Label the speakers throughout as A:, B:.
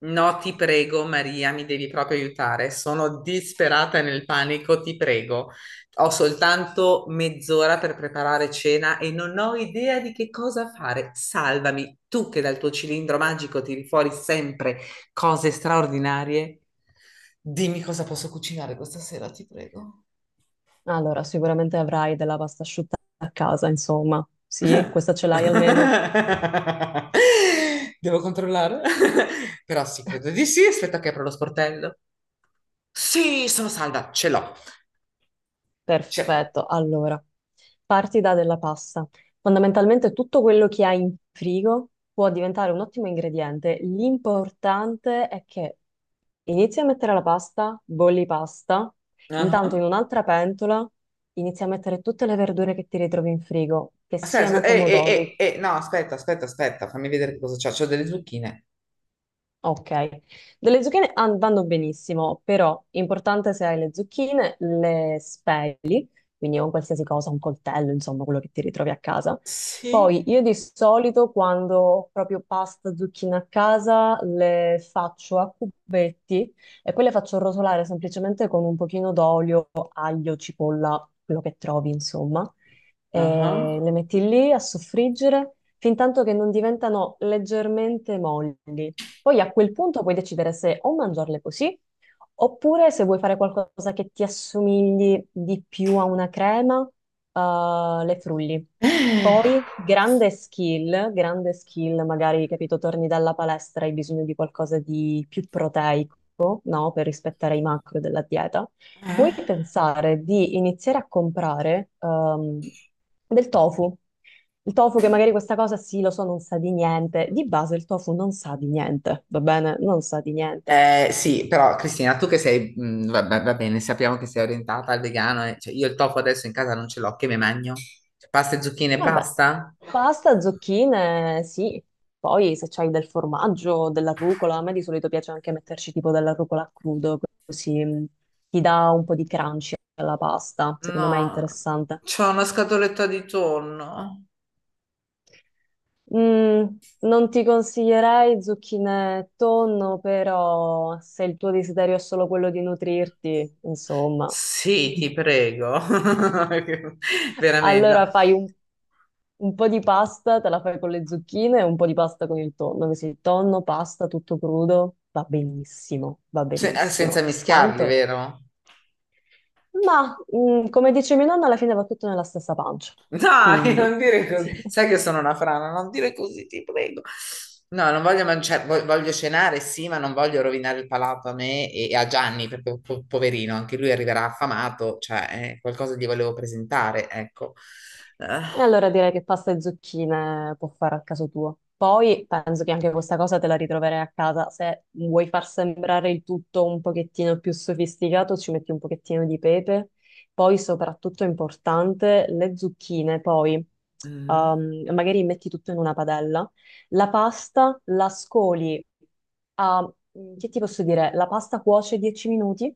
A: No, ti prego, Maria, mi devi proprio aiutare. Sono disperata nel panico, ti prego. Ho soltanto mezz'ora per preparare cena e non ho idea di che cosa fare. Salvami, tu che dal tuo cilindro magico tiri fuori sempre cose straordinarie. Dimmi cosa posso cucinare questa sera, ti prego.
B: Allora, sicuramente avrai della pasta asciutta a casa, insomma. Sì, questa ce l'hai almeno?
A: Devo controllare? Però sì, credo di sì. Aspetta che apro lo sportello. Sì, sono salva, ce l'ho. C'è...
B: Perfetto. Allora, parti da della pasta. Fondamentalmente tutto quello che hai in frigo può diventare un ottimo ingrediente. L'importante è che inizi a mettere la pasta, bolli pasta, intanto in
A: Ah.
B: un'altra pentola inizi a mettere tutte le verdure che ti ritrovi in frigo, che
A: Aspetta,
B: siano pomodori,
A: no, aspetta, aspetta, aspetta, fammi vedere che cosa c'ho. C'ho delle zucchine.
B: ok, delle zucchine vanno benissimo, però importante se hai le zucchine, le spei, quindi un qualsiasi cosa, un coltello, insomma, quello che ti ritrovi a casa.
A: Sì.
B: Poi io di solito quando ho proprio pasta, zucchine a casa, le faccio a cubetti e poi le faccio rosolare semplicemente con un pochino d'olio, aglio, cipolla, quello che trovi, insomma. E
A: Ah.
B: le metti lì a soffriggere fin tanto che non diventano leggermente molli. Poi a quel punto puoi decidere se o mangiarle così oppure se vuoi fare qualcosa che ti assomigli di più a una crema, le frulli.
A: Eh?
B: Poi, grande skill, magari, capito, torni dalla palestra, hai bisogno di qualcosa di più proteico, no? Per rispettare i macro della dieta. Puoi pensare di iniziare a comprare, del tofu. Il tofu, che magari questa cosa sì, lo so, non sa di niente. Di base il tofu non sa di niente, va bene? Non sa di niente.
A: Sì, però Cristina, tu che sei, va bene, sappiamo che sei orientata al vegano, cioè, io il tofu adesso in casa non ce l'ho, che me magno? Cioè, pasta e zucchine e
B: Vabbè,
A: basta?
B: pasta, zucchine, sì. Poi se c'hai del formaggio, della rucola, a me di solito piace anche metterci tipo della rucola a crudo, così ti dà un po' di crunchy alla pasta, secondo me è
A: No,
B: interessante.
A: c'ho una scatoletta di tonno.
B: Mm, Non ti consiglierei zucchine e tonno, però se il tuo desiderio è solo quello di nutrirti, insomma,
A: Sì, ti prego. Veramente, no.
B: allora fai un po' di pasta te la fai con le zucchine e un po' di pasta con il tonno, che se il tonno, pasta tutto crudo, va benissimo, va
A: Senza
B: benissimo.
A: mischiarli,
B: Tanto,
A: vero?
B: ma come dice mia nonna, alla fine va tutto nella stessa pancia.
A: Dai,
B: Quindi,
A: non dire così. Sai che sono una frana, non dire così, ti prego. No, non voglio mangiare, voglio cenare, sì, ma non voglio rovinare il palato a me e a Gianni, perché poverino, anche lui arriverà affamato, cioè, qualcosa gli volevo presentare, ecco. Eh,
B: e allora direi che pasta e zucchine può fare a caso tuo. Poi penso che anche questa cosa te la ritroverai a casa. Se vuoi far sembrare il tutto un pochettino più sofisticato, ci metti un pochettino di pepe. Poi, soprattutto importante, le zucchine. Poi
A: mm,
B: magari metti tutto in una padella. La pasta la scoli a, che ti posso dire? La pasta cuoce 10 minuti.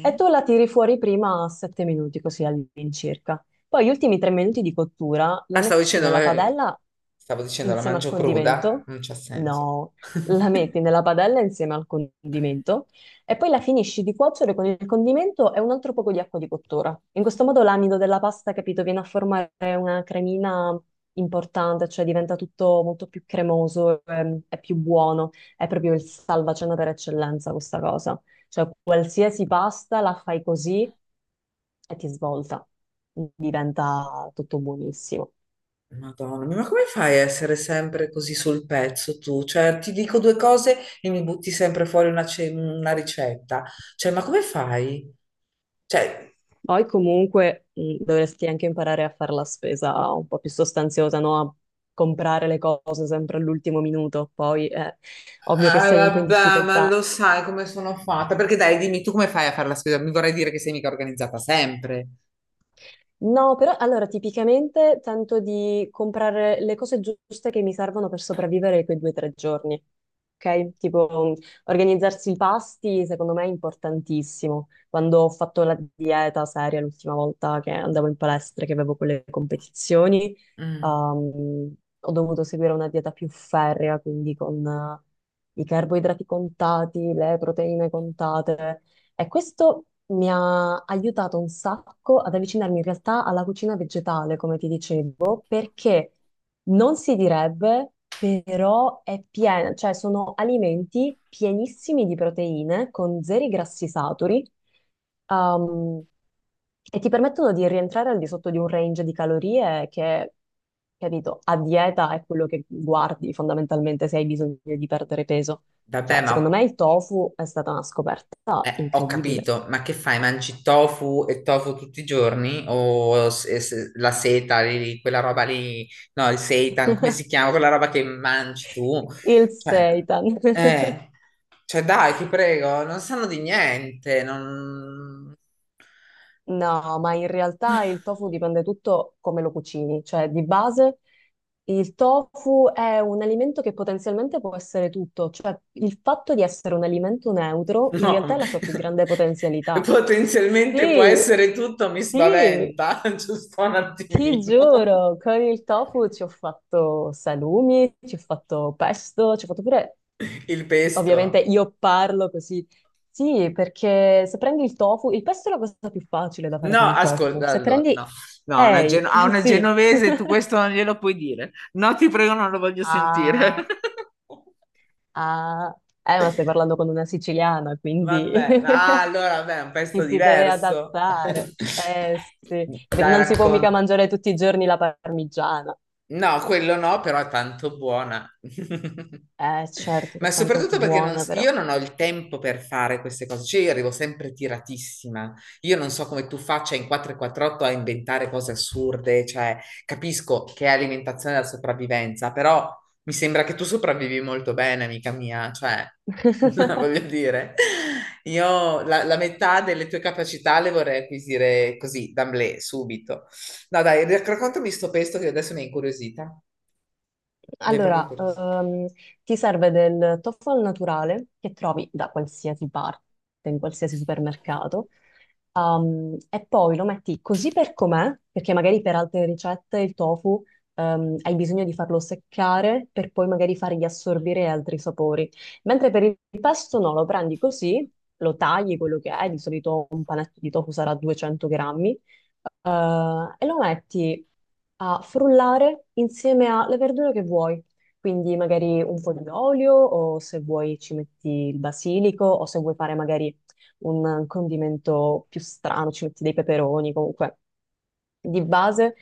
B: E tu la tiri fuori prima a 7 minuti, così all'incirca. Poi gli ultimi 3 minuti di cottura la
A: Ah,
B: metti nella padella
A: stavo dicendo la
B: insieme al
A: mangio cruda,
B: condimento.
A: non c'ha senso.
B: No, la metti nella padella insieme al condimento e poi la finisci di cuocere con il condimento e un altro poco di acqua di cottura. In questo modo l'amido della pasta, capito, viene a formare una cremina importante, cioè diventa tutto molto più cremoso, è più buono, è proprio il salvacena per eccellenza questa cosa. Cioè qualsiasi pasta la fai così e ti svolta, diventa tutto buonissimo.
A: Madonna mia, ma come fai a essere sempre così sul pezzo tu? Cioè, ti dico due cose e mi butti sempre fuori una ricetta. Cioè, ma come fai? Cioè.
B: Poi comunque dovresti anche imparare a fare la spesa un po' più sostanziosa, no? A comprare le cose sempre all'ultimo minuto. Poi è ovvio che
A: Ah,
B: sei un po' in
A: vabbè, ma
B: difficoltà.
A: lo sai come sono fatta? Perché dai, dimmi tu come fai a fare la spesa? Mi vorrei dire che sei mica organizzata sempre.
B: No, però allora tipicamente tento di comprare le cose giuste che mi servono per sopravvivere quei 2 o 3 giorni. Ok? Tipo, organizzarsi i pasti, secondo me è importantissimo. Quando ho fatto la dieta seria l'ultima volta che andavo in palestra, che avevo quelle competizioni,
A: Mm,
B: ho dovuto seguire una dieta più ferrea, quindi con i carboidrati contati, le proteine contate. E questo mi ha aiutato un sacco ad avvicinarmi in realtà alla cucina vegetale, come ti dicevo, perché non si direbbe, però è piena, cioè sono alimenti pienissimi di proteine con zeri grassi saturi. um, e ti permettono di rientrare al di sotto di un range di calorie che, capito, a dieta è quello che guardi fondamentalmente se hai bisogno di perdere peso.
A: vabbè,
B: Cioè,
A: ma
B: secondo me il tofu è stata una scoperta.
A: eh, ho
B: Incredibile.
A: capito, ma che fai? Mangi tofu e tofu tutti i giorni? O la seta, lì, quella roba lì, no, il seitan, come si chiama? Quella roba che mangi tu?
B: Il
A: Cioè,
B: seitan.
A: eh, cioè dai, ti prego, non sanno di niente, non...
B: No, ma in realtà il tofu dipende tutto come lo cucini, cioè di base il tofu è un alimento che potenzialmente può essere tutto, cioè il fatto di essere un alimento neutro in realtà
A: No,
B: è la sua più grande potenzialità.
A: potenzialmente può
B: Sì,
A: essere tutto, mi
B: sì,
A: spaventa, giusto un
B: ti
A: attimino.
B: giuro, con il tofu ci ho fatto salumi, ci ho fatto pesto, ci ho fatto pure...
A: Il pesto.
B: Ovviamente io parlo così. Sì, perché se prendi il tofu, il pesto è la cosa più facile da fare
A: No,
B: con il tofu.
A: ascolta,
B: Se
A: allora,
B: prendi...
A: no, no, una
B: Ehi,
A: a una
B: sì.
A: genovese tu questo non glielo puoi dire. No, ti prego, non lo voglio sentire.
B: Ah, ah. Ma stai parlando con una siciliana, quindi
A: Vabbè, ah, allora, vabbè, è un
B: ci
A: pezzo
B: si deve
A: diverso.
B: adattare. Eh sì,
A: Dai,
B: non si può mica
A: racconta.
B: mangiare tutti i giorni la parmigiana.
A: No, quello no, però è tanto buona.
B: Eh certo, che
A: Ma
B: è tanto
A: soprattutto perché non
B: buona
A: s-
B: però.
A: io non ho il tempo per fare queste cose, cioè io arrivo sempre tiratissima. Io non so come tu faccia in 448 a inventare cose assurde, cioè capisco che è alimentazione della sopravvivenza, però mi sembra che tu sopravvivi molto bene, amica mia, cioè voglio dire, io la metà delle tue capacità le vorrei acquisire così, d'amblè, subito. No, dai, raccontami sto pesto che adesso mi è incuriosita. Mi è proprio
B: Allora,
A: incuriosita.
B: ti serve del tofu al naturale che trovi da qualsiasi parte, in qualsiasi supermercato, e poi lo metti così per com'è, perché magari per altre ricette il tofu, hai bisogno di farlo seccare per poi magari fargli assorbire altri sapori. Mentre per il pesto no, lo prendi così, lo tagli quello che è, di solito un panetto di tofu sarà 200 grammi, e lo metti a frullare insieme alle verdure che vuoi. Quindi magari un po' di olio, o se vuoi ci metti il basilico, o se vuoi fare magari un condimento più strano, ci metti dei peperoni, comunque di base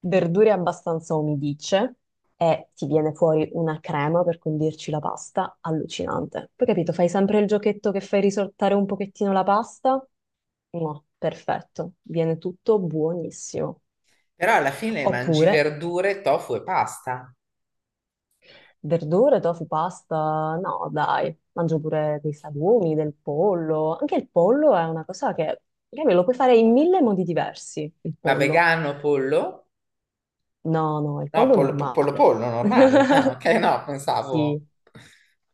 B: verdure abbastanza umidicce, e ti viene fuori una crema per condirci la pasta allucinante. Poi capito, fai sempre il giochetto che fai risottare un pochettino la pasta? No, perfetto, viene tutto buonissimo.
A: Però alla fine mangi
B: Oppure
A: verdure, tofu e pasta.
B: verdure, tofu, pasta? No, dai, mangio pure dei salumi, del pollo. Anche il pollo è una cosa che me lo puoi fare in mille modi diversi, il
A: Ma
B: pollo.
A: vegano, pollo?
B: No, no, il
A: No,
B: pollo
A: pollo, pollo,
B: normale.
A: pollo, normale. Ah, ok, no, pensavo.
B: Sì.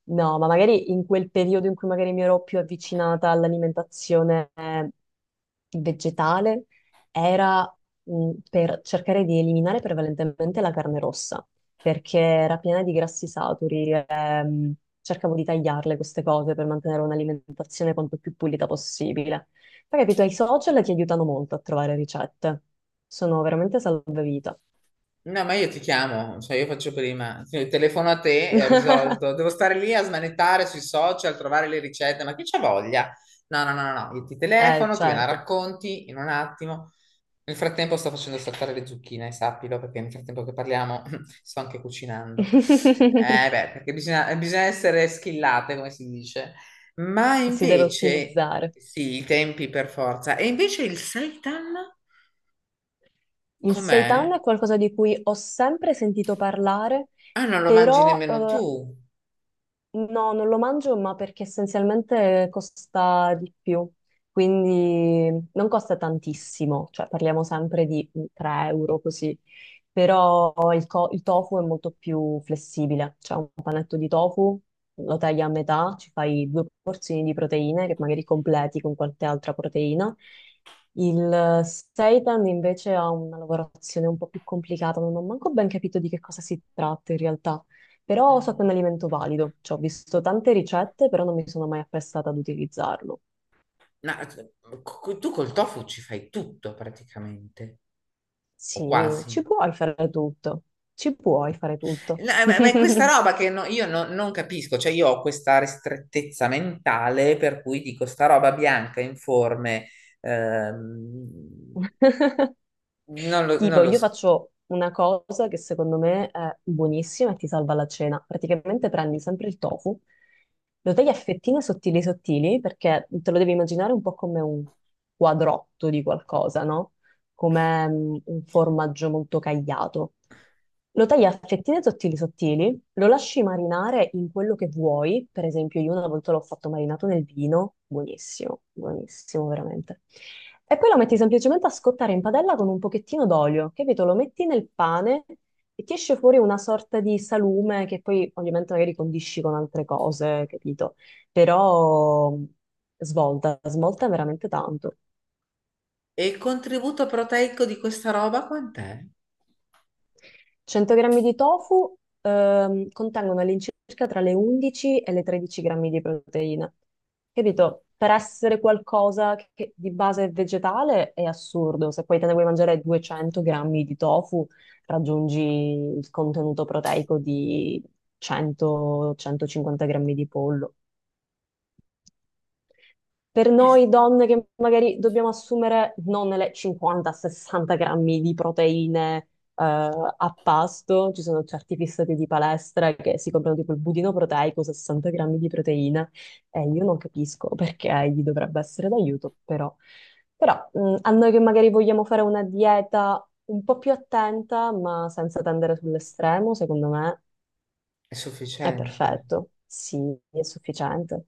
B: No, ma magari in quel periodo in cui magari mi ero più avvicinata all'alimentazione vegetale, era per cercare di eliminare prevalentemente la carne rossa, perché era piena di grassi saturi. Cercavo di tagliarle queste cose per mantenere un'alimentazione quanto più pulita possibile. Poi, capito, i social ti aiutano molto a trovare ricette. Sono veramente salvavita.
A: No, ma io ti chiamo, cioè io faccio prima, sì, telefono a te e ho risolto. Devo stare lì a smanettare sui social, trovare le ricette, ma chi c'ha voglia? No, no, no, no, no, io ti telefono, tu me la
B: Certo.
A: racconti in un attimo. Nel frattempo sto facendo saltare le zucchine, sappilo, perché nel frattempo che parliamo sto anche cucinando. Eh beh, perché bisogna essere schillate, come si dice. Ma
B: Si deve
A: invece,
B: ottimizzare.
A: sì, i tempi per forza. E invece il seitan
B: Il seitan
A: com'è?
B: è qualcosa di cui ho sempre sentito parlare,
A: Ah, non lo mangi
B: però
A: nemmeno tu.
B: no, non lo mangio, ma perché essenzialmente costa di più, quindi non costa tantissimo, cioè parliamo sempre di 3 euro così, però il tofu è molto più flessibile, cioè un panetto di tofu lo tagli a metà, ci fai due porzioni di proteine che magari completi con qualche altra proteina. Il seitan invece ha una lavorazione un po' più complicata, non ho manco ben capito di che cosa si tratta in realtà. Però so che è
A: Mm.
B: un alimento valido, cioè, ho visto tante ricette, però non mi sono mai apprestata ad utilizzarlo.
A: No, tu col tofu ci fai tutto praticamente, o
B: Sì,
A: quasi.
B: ci puoi fare tutto, ci puoi fare tutto.
A: No, ma è questa roba che io non capisco, cioè io ho questa ristrettezza mentale per cui dico sta roba bianca, informe, ehm, non
B: Tipo,
A: lo
B: io
A: so.
B: faccio una cosa che secondo me è buonissima e ti salva la cena. Praticamente prendi sempre il tofu, lo tagli a fettine sottili sottili, perché te lo devi immaginare un po' come un quadrotto di qualcosa, no? Come un formaggio molto cagliato. Lo tagli a fettine sottili sottili, lo lasci marinare in quello che vuoi, per esempio io una volta l'ho fatto marinato nel vino, buonissimo, buonissimo veramente. E poi lo metti semplicemente a scottare in padella con un pochettino d'olio, capito? Lo metti nel pane e ti esce fuori una sorta di salume che poi ovviamente magari condisci con altre cose, capito? Però svolta, svolta veramente tanto.
A: E il contributo proteico di questa roba quant'è?
B: 100 grammi di tofu contengono all'incirca tra le 11 e le 13 grammi di proteine. Capito? Per essere qualcosa che di base è vegetale è assurdo. Se poi te ne vuoi mangiare 200 grammi di tofu, raggiungi il contenuto proteico di 100-150 grammi di pollo. Per
A: È
B: noi donne che magari dobbiamo assumere non le 50-60 grammi di proteine a pasto, ci sono certi fissati di palestra che si comprano tipo il budino proteico, 60 grammi di proteine, e io non capisco perché gli dovrebbe essere d'aiuto, però, a noi che magari vogliamo fare una dieta un po' più attenta, ma senza tendere sull'estremo, secondo me
A: è
B: è
A: sufficiente.
B: perfetto, sì, è sufficiente.